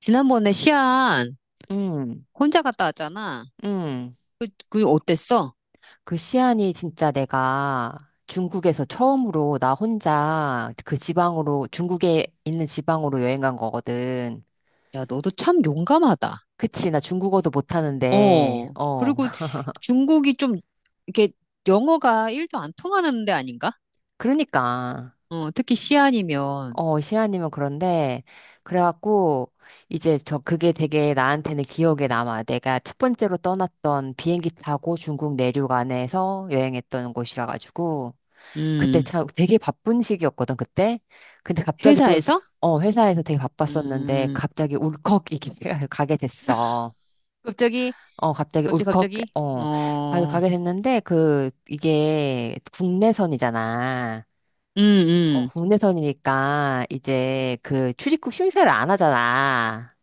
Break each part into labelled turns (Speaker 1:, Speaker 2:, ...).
Speaker 1: 지난번에 시안
Speaker 2: 음,
Speaker 1: 혼자 갔다 왔잖아.
Speaker 2: 음.
Speaker 1: 그 어땠어?
Speaker 2: 그 시안이 진짜 내가 중국에서 처음으로 나 혼자 그 지방으로, 중국에 있는 지방으로 여행 간 거거든.
Speaker 1: 야, 너도 참 용감하다.
Speaker 2: 그치, 나 중국어도 못하는데,
Speaker 1: 어.
Speaker 2: 어.
Speaker 1: 그리고 중국이 좀 이렇게 영어가 1도 안 통하는 데 아닌가?
Speaker 2: 그러니까.
Speaker 1: 어, 특히 시안이면.
Speaker 2: 어, 시안이면 그런데, 그래갖고, 이제 저, 그게 되게 나한테는 기억에 남아. 내가 첫 번째로 떠났던 비행기 타고 중국 내륙 안에서 여행했던 곳이라 가지고, 그때
Speaker 1: 음.
Speaker 2: 참 되게 바쁜 시기였거든, 그때. 근데 갑자기 또,
Speaker 1: 회사에서.
Speaker 2: 어, 회사에서 되게 바빴었는데,
Speaker 1: 음.
Speaker 2: 갑자기 울컥 이렇게 가게 됐어.
Speaker 1: 갑자기
Speaker 2: 어, 갑자기
Speaker 1: 갑자기
Speaker 2: 울컥,
Speaker 1: 갑자기.
Speaker 2: 어,
Speaker 1: 어.
Speaker 2: 가게 됐는데, 그, 이게 국내선이잖아.
Speaker 1: 음,
Speaker 2: 어,
Speaker 1: 음.
Speaker 2: 국내선이니까, 이제 그 출입국 심사를 안 하잖아.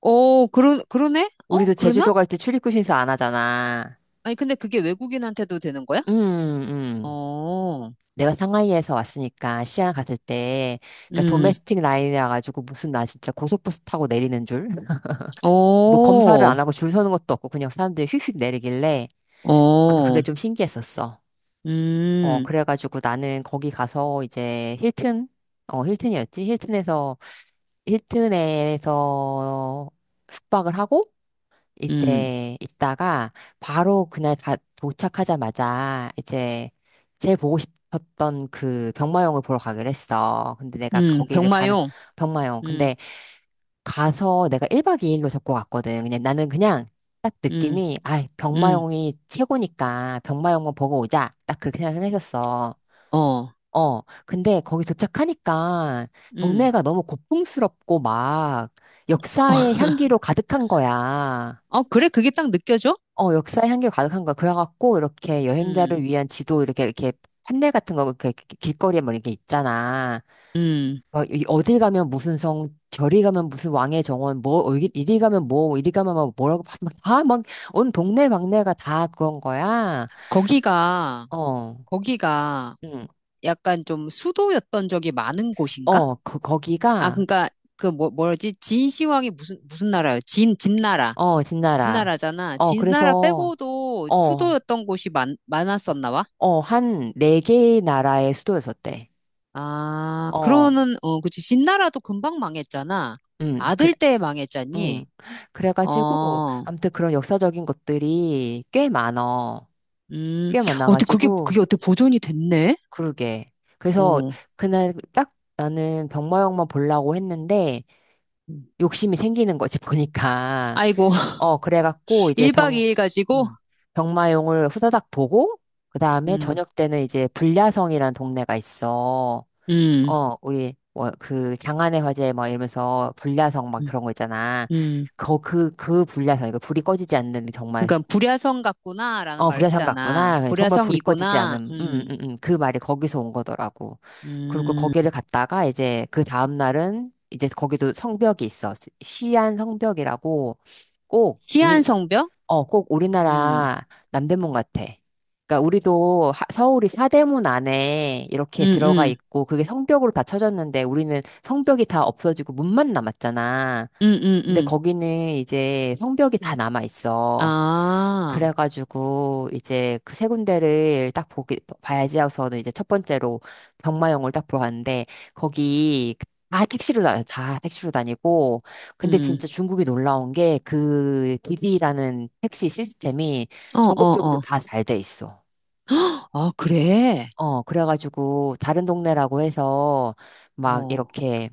Speaker 1: 어, 그러네? 어,
Speaker 2: 우리도
Speaker 1: 그러나?
Speaker 2: 제주도 갈 때 출입국 심사 안 하잖아.
Speaker 1: 아니 근데 그게 외국인한테도 되는 거야?
Speaker 2: 음, 음.
Speaker 1: 어.
Speaker 2: 내가 상하이에서 왔으니까 시안 갔을 때 그러니까
Speaker 1: 음.
Speaker 2: 도메스틱 라인이라 가지고 무슨 나 진짜 고속버스 타고 내리는 줄 뭐
Speaker 1: 어.
Speaker 2: 검사를 안 하고 줄 서는 것도 없고 그냥 사람들이 휙휙 내리길래 아무튼 그게
Speaker 1: 어.
Speaker 2: 좀 신기했었어. 어,
Speaker 1: 음.
Speaker 2: 그래가지고 나는 거기 가서 이제 힐튼, 어, 힐튼이었지, 힐튼에서 힐튼에서 숙박을 하고
Speaker 1: 음,
Speaker 2: 이제 있다가 바로 그날 가, 도착하자마자 이제 제일 보고 싶었던 그 병마용을 보러 가기로 했어. 근데 내가 거기를 가는
Speaker 1: 병마용.
Speaker 2: 병마용.
Speaker 1: 음,
Speaker 2: 근데 가서 내가 1박 2일로 잡고 갔거든. 그냥 나는 그냥 딱
Speaker 1: 음,
Speaker 2: 느낌이 아,
Speaker 1: 음,
Speaker 2: 병마용이 최고니까 병마용만 보고 오자. 딱 그렇게 생각했었어.
Speaker 1: 어,
Speaker 2: 어, 근데 거기 도착하니까
Speaker 1: 음.
Speaker 2: 동네가 너무 고풍스럽고 막 역사의 향기로 가득한 거야.
Speaker 1: 어, 그래, 그게 딱 느껴져?
Speaker 2: 어, 역사의 향기 가득한 가 거야. 그래갖고, 이렇게
Speaker 1: 음,
Speaker 2: 여행자를 위한 지도, 이렇게, 이렇게, 판넬 같은 거, 이렇게 길거리에 뭐 이렇게 있잖아.
Speaker 1: 음.
Speaker 2: 어, 어딜 가면 무슨 성, 저리 가면 무슨 왕의 정원, 뭐, 어, 이리 이리 가면 뭐, 이리 가면 뭐, 뭐라고, 막, 막 다, 막, 온 동네 막내가 다 그건 거야.
Speaker 1: 거기가,
Speaker 2: 어,
Speaker 1: 거기가
Speaker 2: 응,
Speaker 1: 약간 좀 수도였던 적이 많은 곳인가?
Speaker 2: 어, 거,
Speaker 1: 아,
Speaker 2: 거기가,
Speaker 1: 그러니까 그 뭐, 뭐지? 진시황이 무슨 나라예요? 진나라.
Speaker 2: 어, 진나라.
Speaker 1: 진나라잖아.
Speaker 2: 어,
Speaker 1: 진나라
Speaker 2: 그래서,
Speaker 1: 빼고도
Speaker 2: 어,
Speaker 1: 수도였던 곳이 많았었나 봐?
Speaker 2: 어, 한 4개의 나라의 수도였었대.
Speaker 1: 아,
Speaker 2: 어,
Speaker 1: 그러면은, 어, 그치. 진나라도 금방 망했잖아.
Speaker 2: 그,
Speaker 1: 아들 때 망했잖니?
Speaker 2: 응. 그래가지고,
Speaker 1: 어.
Speaker 2: 아무튼 그런 역사적인 것들이 꽤 많어.
Speaker 1: 음,
Speaker 2: 꽤
Speaker 1: 어떻게, 그게,
Speaker 2: 많아가지고,
Speaker 1: 그게 어떻게 보존이 됐네?
Speaker 2: 그러게. 그래서
Speaker 1: 어.
Speaker 2: 그날 딱 나는 병마용만 보려고 했는데,
Speaker 1: 음.
Speaker 2: 욕심이 생기는 거지, 보니까.
Speaker 1: 아이고,
Speaker 2: 어, 그래갖고, 이제
Speaker 1: 1박 2일 가지고,
Speaker 2: 음, 병마용을 후다닥 보고, 그 다음에
Speaker 1: 음,
Speaker 2: 저녁 때는 이제 불야성이라는 동네가 있어.
Speaker 1: 음,
Speaker 2: 어, 우리, 뭐, 그, 장안의 화재 뭐, 이러면서, 불야성, 막
Speaker 1: 음,
Speaker 2: 그런 거 있잖아.
Speaker 1: 음.
Speaker 2: 그 불야성, 이거 불이 꺼지지 않는, 정말,
Speaker 1: 그러니까 불야성 같구나라는
Speaker 2: 어,
Speaker 1: 말을
Speaker 2: 불야성
Speaker 1: 쓰잖아.
Speaker 2: 같구나. 그 정말 불이 꺼지지
Speaker 1: 불야성이구나,
Speaker 2: 않은, 그 말이 거기서 온 거더라고. 그리고
Speaker 1: 음.
Speaker 2: 거기를 갔다가, 이제, 그 다음날은, 이제 거기도 성벽이 있어. 시안 성벽이라고, 꼭, 우린,
Speaker 1: 시한성벽?
Speaker 2: 어, 꼭
Speaker 1: 음,
Speaker 2: 우리나라 남대문 같아. 그러니까 우리도 서울이 사대문 안에 이렇게
Speaker 1: 음,
Speaker 2: 들어가
Speaker 1: 음,
Speaker 2: 있고 그게 성벽으로 다 쳐졌는데 우리는 성벽이 다 없어지고 문만 남았잖아.
Speaker 1: 음, 음,
Speaker 2: 근데
Speaker 1: 음.
Speaker 2: 거기는 이제 성벽이 다 남아 있어.
Speaker 1: 아,
Speaker 2: 그래가지고 이제 그 3군데를 딱 보기 봐야지 하고서는 이제 첫 번째로 병마용을 딱 보러 갔는데 거기 다 택시로 다녀, 다 택시로 다니고 근데
Speaker 1: 음,
Speaker 2: 진짜 중국이 놀라운 게 그 디디라는 택시 시스템이
Speaker 1: 어, 어,
Speaker 2: 전국적으로
Speaker 1: 어.
Speaker 2: 다 잘 돼 있어.
Speaker 1: 아, 그래?
Speaker 2: 어, 그래가지고 다른 동네라고 해서 막
Speaker 1: 어,
Speaker 2: 이렇게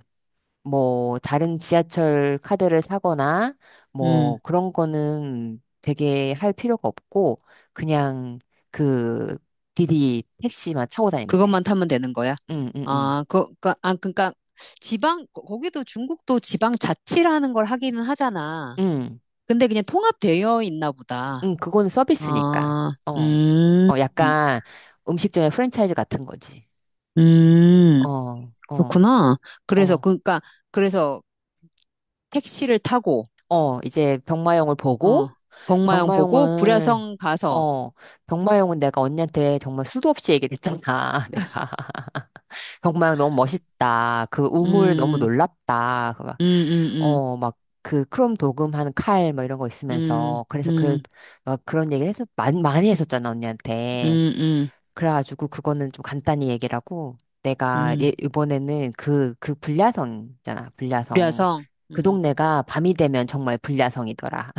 Speaker 2: 뭐 다른 지하철 카드를 사거나 뭐
Speaker 1: 음.
Speaker 2: 그런 거는 되게 할 필요가 없고 그냥 그 디디 택시만 타고 다니면
Speaker 1: 그것만
Speaker 2: 돼.
Speaker 1: 타면 되는 거야?
Speaker 2: 응, 응, 응.
Speaker 1: 아, 그니까, 아, 그니까, 지방, 거기도 중국도 지방 자치라는 걸 하기는 하잖아.
Speaker 2: 응,
Speaker 1: 근데 그냥 통합되어 있나 보다.
Speaker 2: 응, 그거는 서비스니까.
Speaker 1: 아,
Speaker 2: 어.
Speaker 1: 음,
Speaker 2: 어, 약간 음식점의 프랜차이즈 같은 거지.
Speaker 1: 음,
Speaker 2: 어, 어,
Speaker 1: 그렇구나.
Speaker 2: 어.
Speaker 1: 그니까, 그래서 택시를 타고,
Speaker 2: 어, 이제 병마용을 보고,
Speaker 1: 어, 복마영 보고,
Speaker 2: 병마용은,
Speaker 1: 불야성 가서,
Speaker 2: 어, 병마용은 내가 언니한테 정말 수도 없이 얘기를 했잖아, 내가. 정말 너무 멋있다. 그 우물 너무
Speaker 1: 음,
Speaker 2: 놀랍다. 그 막,
Speaker 1: 음, 음,
Speaker 2: 어, 막, 그 크롬 도금하는 칼, 뭐 이런 거
Speaker 1: 음,
Speaker 2: 있으면서. 그래서 그,
Speaker 1: 음,
Speaker 2: 막 그런 얘기를 해서, 많이, 많이 했었잖아,
Speaker 1: 음,
Speaker 2: 언니한테.
Speaker 1: 음, 음,
Speaker 2: 그래가지고 그거는 좀 간단히 얘기를 하고, 내가
Speaker 1: 음,
Speaker 2: 예, 이번에는 그, 그 불야성 있잖아, 불야성.
Speaker 1: 불야성,
Speaker 2: 그
Speaker 1: 음.
Speaker 2: 동네가 밤이 되면 정말 불야성이더라.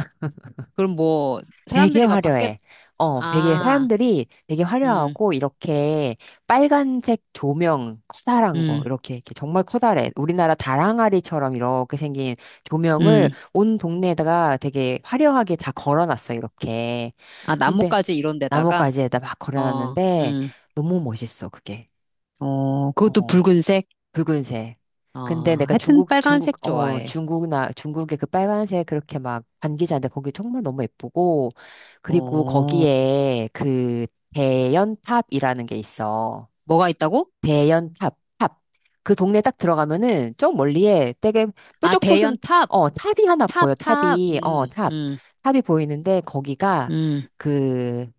Speaker 1: 그럼 뭐,
Speaker 2: 되게
Speaker 1: 사람들이 막 밖에,
Speaker 2: 화려해. 어, 되게
Speaker 1: 아,
Speaker 2: 사람들이 되게
Speaker 1: 음,
Speaker 2: 화려하고 이렇게 빨간색 조명 커다란 거
Speaker 1: 음,
Speaker 2: 이렇게 이렇게 정말 커다래. 우리나라 다랑아리처럼 이렇게 생긴 조명을
Speaker 1: 음.
Speaker 2: 온 동네에다가 되게 화려하게 다 걸어놨어 이렇게.
Speaker 1: 아,
Speaker 2: 근데
Speaker 1: 나뭇가지 이런 데다가,
Speaker 2: 나뭇가지에다 막
Speaker 1: 어,
Speaker 2: 걸어놨는데 너무 멋있어 그게.
Speaker 1: 어, 그것도
Speaker 2: 어.
Speaker 1: 붉은색?
Speaker 2: 붉은색.
Speaker 1: 어,
Speaker 2: 근데 내가
Speaker 1: 하여튼
Speaker 2: 중국,
Speaker 1: 빨간색
Speaker 2: 중국, 어,
Speaker 1: 좋아해.
Speaker 2: 중국나, 중국의 그 빨간색 그렇게 막 반기자인데 거기 정말 너무 예쁘고, 그리고
Speaker 1: 어,
Speaker 2: 거기에 그 대연탑이라는 게 있어.
Speaker 1: 뭐가 있다고?
Speaker 2: 대연탑, 탑. 그 동네 딱 들어가면은 좀 멀리에 되게
Speaker 1: 아,
Speaker 2: 뾰족 솟은,
Speaker 1: 대연 탑,
Speaker 2: 어, 탑이 하나
Speaker 1: 탑,
Speaker 2: 보여.
Speaker 1: 탑,
Speaker 2: 탑이, 어, 탑. 탑이 보이는데 거기가
Speaker 1: 음.
Speaker 2: 그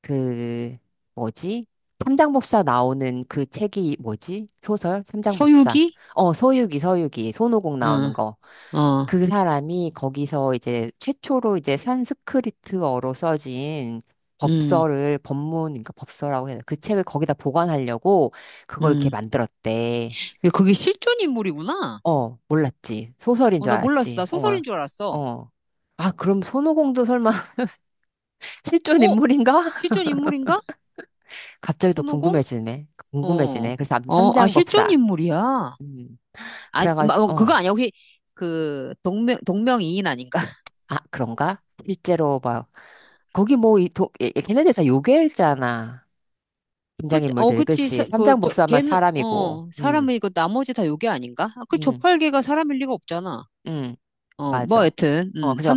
Speaker 2: 그 뭐지? 삼장법사 나오는 그 책이 뭐지? 소설? 삼장법사.
Speaker 1: 서유기?
Speaker 2: 어, 서유기, 서유기. 손오공
Speaker 1: 어,
Speaker 2: 나오는 거.
Speaker 1: 어,
Speaker 2: 그 사람이 거기서 이제 최초로 이제 산스크리트어로 써진
Speaker 1: 음,
Speaker 2: 법서를 법문, 그러니까 법서라고 해야 되나? 그 책을 거기다 보관하려고 그걸 이렇게
Speaker 1: 음.
Speaker 2: 만들었대.
Speaker 1: 야, 그게 실존 인물이구나.
Speaker 2: 어, 몰랐지. 소설인
Speaker 1: 어,
Speaker 2: 줄
Speaker 1: 나 몰랐어. 나
Speaker 2: 알았지.
Speaker 1: 소설인
Speaker 2: 어,
Speaker 1: 줄 알았어.
Speaker 2: 어. 아, 그럼 손오공도 설마 실존
Speaker 1: 어?
Speaker 2: 인물인가?
Speaker 1: 실존 인물인가?
Speaker 2: 갑자기 또
Speaker 1: 손오공?
Speaker 2: 궁금해지네.
Speaker 1: 어,
Speaker 2: 궁금해지네. 그래서
Speaker 1: 어, 아,
Speaker 2: 삼장
Speaker 1: 실존
Speaker 2: 법사.
Speaker 1: 인물이야.
Speaker 2: 음.
Speaker 1: 아,
Speaker 2: 그래가지고,
Speaker 1: 어, 그거
Speaker 2: 어.
Speaker 1: 아니야. 혹시 그 동명이인 아닌가?
Speaker 2: 아, 그런가? 실제로 막, 거기 뭐, 이, 도, 걔네들 다 요괴잖아.
Speaker 1: 그, 어,
Speaker 2: 등장인물들이.
Speaker 1: 그치.
Speaker 2: 그치?
Speaker 1: 그,
Speaker 2: 삼장
Speaker 1: 저,
Speaker 2: 법사만
Speaker 1: 걔는
Speaker 2: 사람이고.
Speaker 1: 어 사람이고 나머지 다 요괴 아닌가? 아, 그
Speaker 2: 음,
Speaker 1: 조팔계가 사람일 리가 없잖아.
Speaker 2: 음.
Speaker 1: 어, 뭐
Speaker 2: 맞아.
Speaker 1: 여튼
Speaker 2: 어, 그래서,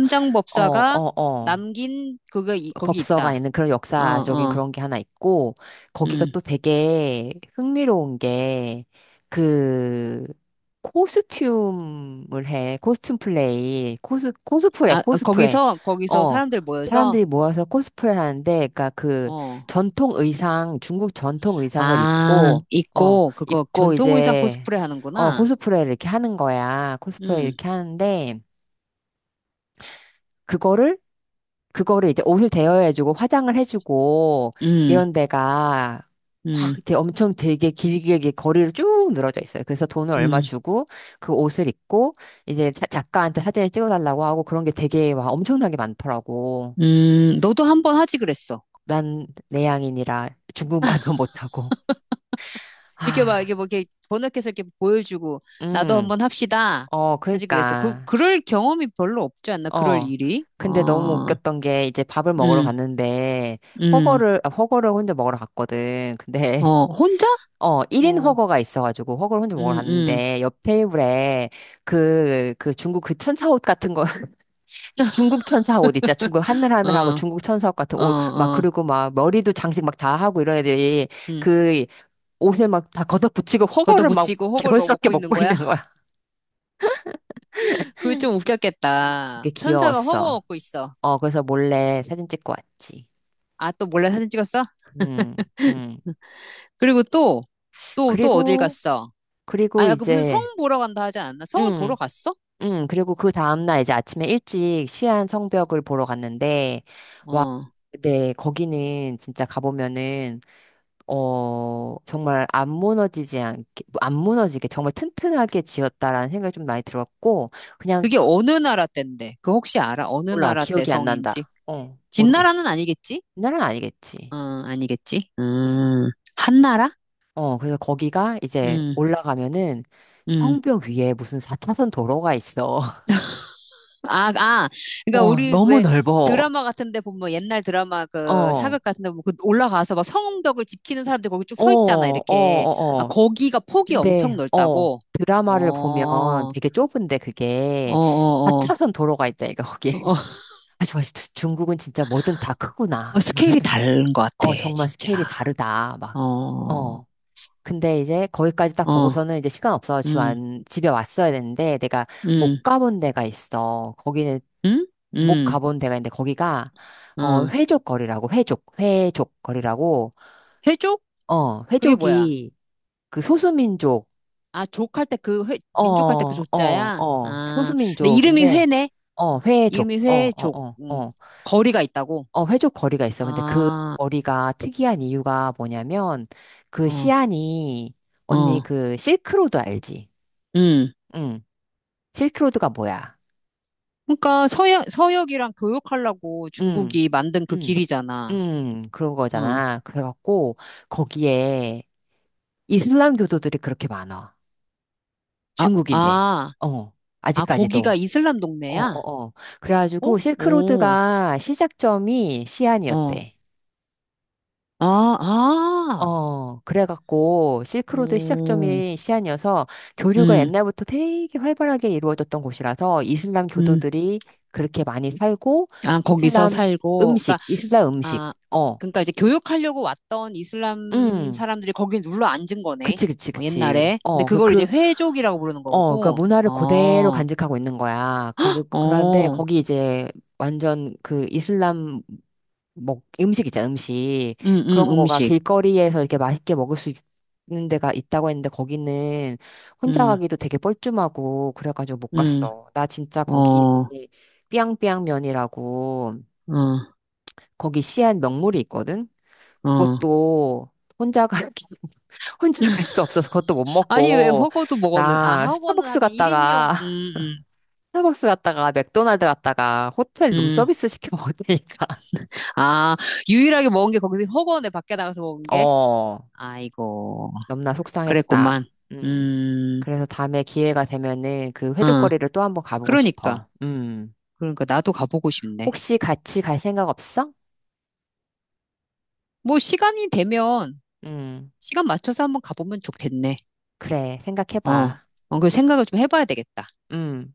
Speaker 2: 어, 어, 어.
Speaker 1: 남긴 그거 거기 있다.
Speaker 2: 법서가 있는 그런
Speaker 1: 어,
Speaker 2: 역사적인
Speaker 1: 어,
Speaker 2: 그런 게 하나 있고, 거기가
Speaker 1: 음,
Speaker 2: 또 되게 흥미로운 게, 그, 코스튬을 해. 코스튬 플레이. 코스, 코스프레,
Speaker 1: 아 아,
Speaker 2: 코스프레.
Speaker 1: 거기서
Speaker 2: 어.
Speaker 1: 사람들 모여서.
Speaker 2: 사람들이 모여서 코스프레를 하는데, 그니까 그
Speaker 1: 어,
Speaker 2: 전통 의상, 중국 전통 의상을
Speaker 1: 아
Speaker 2: 입고, 어,
Speaker 1: 있고 그거
Speaker 2: 입고
Speaker 1: 전통 의상
Speaker 2: 이제,
Speaker 1: 코스프레
Speaker 2: 어,
Speaker 1: 하는구나.
Speaker 2: 코스프레를 이렇게 하는 거야. 코스프레
Speaker 1: 음,
Speaker 2: 이렇게 하는데, 그거를 그거를 이제 옷을 대여해주고 화장을 해주고
Speaker 1: 음,
Speaker 2: 이런 데가 확
Speaker 1: 음,
Speaker 2: 이렇게 엄청 되게 길게 이렇게 거리를 쭉 늘어져 있어요. 그래서 돈을 얼마
Speaker 1: 음,
Speaker 2: 주고 그 옷을 입고 이제 작가한테 사진을 찍어달라고 하고 그런 게 되게 와 엄청나게 많더라고.
Speaker 1: 너도 한 번 하지 그랬어.
Speaker 2: 난 내향인이라 중국말도 못하고.
Speaker 1: 이렇게 막,
Speaker 2: 아,
Speaker 1: 이게 뭐, 이렇게 번역해서 이렇게 보여주고, 나도
Speaker 2: 음,
Speaker 1: 한번 합시다.
Speaker 2: 어,
Speaker 1: 하지 그랬어. 그,
Speaker 2: 그러니까,
Speaker 1: 그럴 경험이 별로 없지 않나? 그럴
Speaker 2: 어.
Speaker 1: 일이?
Speaker 2: 근데 너무
Speaker 1: 어,
Speaker 2: 웃겼던 게 이제 밥을 먹으러
Speaker 1: 음,
Speaker 2: 갔는데
Speaker 1: 음,
Speaker 2: 허거를 아, 허거를 혼자 먹으러 갔거든. 근데
Speaker 1: 어, 혼자?
Speaker 2: 어, 1인
Speaker 1: 어,
Speaker 2: 허거가 있어가지고, 허거를 혼자 먹으러
Speaker 1: 음,
Speaker 2: 갔는데, 옆 테이블에, 그, 그 중국 그 천사 옷 같은 거, 중국 천사 옷 있잖아. 중국 하늘하늘하고
Speaker 1: 어,
Speaker 2: 중국 천사 옷 같은
Speaker 1: 어,
Speaker 2: 옷, 막,
Speaker 1: 어,
Speaker 2: 그리고 막, 머리도 장식 막 다 하고 이런 애들이,
Speaker 1: 음.
Speaker 2: 그, 옷에 막 다 걷어붙이고, 허거를 막
Speaker 1: 걷어붙이고 허골 막
Speaker 2: 개걸스럽게
Speaker 1: 먹고 있는
Speaker 2: 먹고
Speaker 1: 거야?
Speaker 2: 있는 거야.
Speaker 1: 그게 좀 웃겼겠다.
Speaker 2: 그게
Speaker 1: 천사가 허거
Speaker 2: 귀여웠어.
Speaker 1: 먹고 있어.
Speaker 2: 어, 그래서 몰래 사진 찍고 왔지.
Speaker 1: 아, 또 몰래 사진 찍었어?
Speaker 2: 음, 음.
Speaker 1: 그리고 또, 또, 또 어딜
Speaker 2: 그리고,
Speaker 1: 갔어? 아,
Speaker 2: 그리고
Speaker 1: 야, 그 무슨 성
Speaker 2: 이제,
Speaker 1: 보러 간다 하지 않았나? 성을
Speaker 2: 음,
Speaker 1: 보러 갔어?
Speaker 2: 응, 그리고 그 다음날 이제 아침에 일찍 시안 성벽을 보러 갔는데, 와,
Speaker 1: 어.
Speaker 2: 네, 거기는 진짜 가보면은, 어, 정말 안 무너지지 않게, 안 무너지게 정말 튼튼하게 지었다라는 생각이 좀 많이 들었고, 그냥
Speaker 1: 그게 어느 나라 때인데? 그 혹시 알아? 어느
Speaker 2: 몰라,
Speaker 1: 나라 때
Speaker 2: 기억이 안
Speaker 1: 성인지?
Speaker 2: 난다. 어, 모르겠어.
Speaker 1: 진나라는 아니겠지?
Speaker 2: 옛날은
Speaker 1: 어,
Speaker 2: 아니겠지.
Speaker 1: 아니겠지?
Speaker 2: 응.
Speaker 1: 한나라?
Speaker 2: 어, 그래서 거기가 이제
Speaker 1: 음,
Speaker 2: 올라가면은
Speaker 1: 음.
Speaker 2: 성벽 위에 무슨 4차선 도로가 있어.
Speaker 1: 아, 아. 그러니까
Speaker 2: 어,
Speaker 1: 우리
Speaker 2: 너무
Speaker 1: 왜
Speaker 2: 넓어.
Speaker 1: 드라마 같은데 보면 뭐 옛날 드라마
Speaker 2: 어,
Speaker 1: 그
Speaker 2: 어,
Speaker 1: 사극 같은데 보면 그 올라가서 막 성벽을 지키는 사람들 거기 쭉
Speaker 2: 어,
Speaker 1: 서 있잖아,
Speaker 2: 어,
Speaker 1: 이렇게. 아,
Speaker 2: 어.
Speaker 1: 거기가 폭이 엄청
Speaker 2: 근데, 어,
Speaker 1: 넓다고? 어,
Speaker 2: 드라마를 보면
Speaker 1: 어,
Speaker 2: 되게 좁은데
Speaker 1: 어,
Speaker 2: 그게 하
Speaker 1: 어.
Speaker 2: 차선 도로가 있다니까,
Speaker 1: 어,
Speaker 2: 거기.
Speaker 1: 어,
Speaker 2: 아, 좋아. 중국은 진짜 뭐든 다
Speaker 1: 어,
Speaker 2: 크구나. 막,
Speaker 1: 스케일이 다른 것 같아,
Speaker 2: 어, 정말
Speaker 1: 진짜.
Speaker 2: 스케일이 다르다.
Speaker 1: 어,
Speaker 2: 막,
Speaker 1: 어,
Speaker 2: 어. 근데 이제 거기까지 딱 보고서는 이제 시간 없어 집
Speaker 1: 음,
Speaker 2: 안, 집에 왔어야 되는데 내가
Speaker 1: 음,
Speaker 2: 못 가본 데가 있어. 거기는
Speaker 1: 음?
Speaker 2: 못
Speaker 1: 음.
Speaker 2: 가본 데가 있는데 거기가, 어,
Speaker 1: 어.
Speaker 2: 회족거리라고, 회족, 회족거리라고,
Speaker 1: 회족?
Speaker 2: 어,
Speaker 1: 그게 뭐야?
Speaker 2: 회족이 그 소수민족,
Speaker 1: 아, 족할 때 그 회,
Speaker 2: 어,
Speaker 1: 민족할 때 그
Speaker 2: 어,
Speaker 1: 조자야?
Speaker 2: 어.
Speaker 1: 아, 근데 이름이
Speaker 2: 소수민족인데,
Speaker 1: 회네?
Speaker 2: 어, 회족.
Speaker 1: 이름이
Speaker 2: 어,
Speaker 1: 회족.
Speaker 2: 어, 어,
Speaker 1: 음.
Speaker 2: 어.
Speaker 1: 거리가 있다고?
Speaker 2: 어, 회족 거리가 있어. 근데 그
Speaker 1: 아,
Speaker 2: 거리가 특이한 이유가 뭐냐면, 그
Speaker 1: 어,
Speaker 2: 시안이, 언니
Speaker 1: 어,
Speaker 2: 그 실크로드 알지?
Speaker 1: 음.
Speaker 2: 응. 실크로드가 뭐야?
Speaker 1: 그러니까 서역이랑 교역하려고
Speaker 2: 응.
Speaker 1: 중국이 만든 그
Speaker 2: 응.
Speaker 1: 길이잖아.
Speaker 2: 응. 그런
Speaker 1: 어.
Speaker 2: 거잖아. 그래갖고, 거기에 이슬람 교도들이 그렇게 많아.
Speaker 1: 아,
Speaker 2: 중국인데.
Speaker 1: 아,
Speaker 2: 어.
Speaker 1: 아, 거기가
Speaker 2: 아직까지도.
Speaker 1: 이슬람
Speaker 2: 어,
Speaker 1: 동네야?
Speaker 2: 어, 어.
Speaker 1: 어?
Speaker 2: 그래가지고
Speaker 1: 오,
Speaker 2: 실크로드가 시작점이
Speaker 1: 어.
Speaker 2: 시안이었대.
Speaker 1: 아, 아,
Speaker 2: 어, 그래갖고 실크로드
Speaker 1: 오,
Speaker 2: 시작점이 시안이어서 교류가
Speaker 1: 음,
Speaker 2: 옛날부터 되게 활발하게 이루어졌던 곳이라서 이슬람
Speaker 1: 음.
Speaker 2: 교도들이 그렇게 많이 살고
Speaker 1: 아, 거기서
Speaker 2: 이슬람
Speaker 1: 살고. 그러니까
Speaker 2: 음식, 이슬람 음식.
Speaker 1: 아,
Speaker 2: 어,
Speaker 1: 그러니까 이제 교육하려고 왔던 이슬람
Speaker 2: 음.
Speaker 1: 사람들이 거기에 눌러 앉은 거네.
Speaker 2: 그치, 그치,
Speaker 1: 어,
Speaker 2: 그치.
Speaker 1: 옛날에. 근데
Speaker 2: 어, 그,
Speaker 1: 그걸 이제
Speaker 2: 그,
Speaker 1: 회족이라고 부르는
Speaker 2: 어, 그
Speaker 1: 거고.
Speaker 2: 문화를 그대로
Speaker 1: 어,
Speaker 2: 간직하고 있는 거야. 그, 그런데
Speaker 1: 어,
Speaker 2: 거기 이제 완전 그 이슬람 먹, 음식 있잖아, 음식. 그런 거가
Speaker 1: 음식.
Speaker 2: 길거리에서 이렇게 맛있게 먹을 수 있는 데가 있다고 했는데 거기는 혼자
Speaker 1: 음,
Speaker 2: 가기도 되게 뻘쭘하고 그래가지고 못
Speaker 1: 음,
Speaker 2: 갔어. 나 진짜
Speaker 1: 어,
Speaker 2: 거기
Speaker 1: 어,
Speaker 2: 삐양삐양면이라고 거기 시안 명물이 있거든?
Speaker 1: 어.
Speaker 2: 그것도 혼자 가, 혼자 갈 수 없어서 그것도 못
Speaker 1: 아니, 왜
Speaker 2: 먹고
Speaker 1: 허거도 먹었는, 아,
Speaker 2: 나
Speaker 1: 허거는
Speaker 2: 스타벅스
Speaker 1: 하긴 1인용,
Speaker 2: 갔다가 스타벅스 갔다가 맥도날드 갔다가 호텔
Speaker 1: 음, 음.
Speaker 2: 룸서비스 시켜 먹으니까
Speaker 1: 아, 유일하게 먹은 게 거기서 허거네, 밖에 나가서 먹은 게?
Speaker 2: 어,
Speaker 1: 아이고,
Speaker 2: 너무나
Speaker 1: 그랬구만.
Speaker 2: 속상했다. 음.
Speaker 1: 음,
Speaker 2: 그래서 다음에 기회가 되면은 그
Speaker 1: 어,
Speaker 2: 회족거리를 또 한번 가보고
Speaker 1: 그러니까.
Speaker 2: 싶어. 음.
Speaker 1: 그러니까 나도 가보고 싶네.
Speaker 2: 혹시 같이 갈 생각 없어?
Speaker 1: 뭐 시간이 되면
Speaker 2: 음.
Speaker 1: 시간 맞춰서 한번 가보면 좋겠네.
Speaker 2: 그래,
Speaker 1: 어,
Speaker 2: 생각해봐.
Speaker 1: 어, 그 생각을 좀 해봐야 되겠다.
Speaker 2: 음.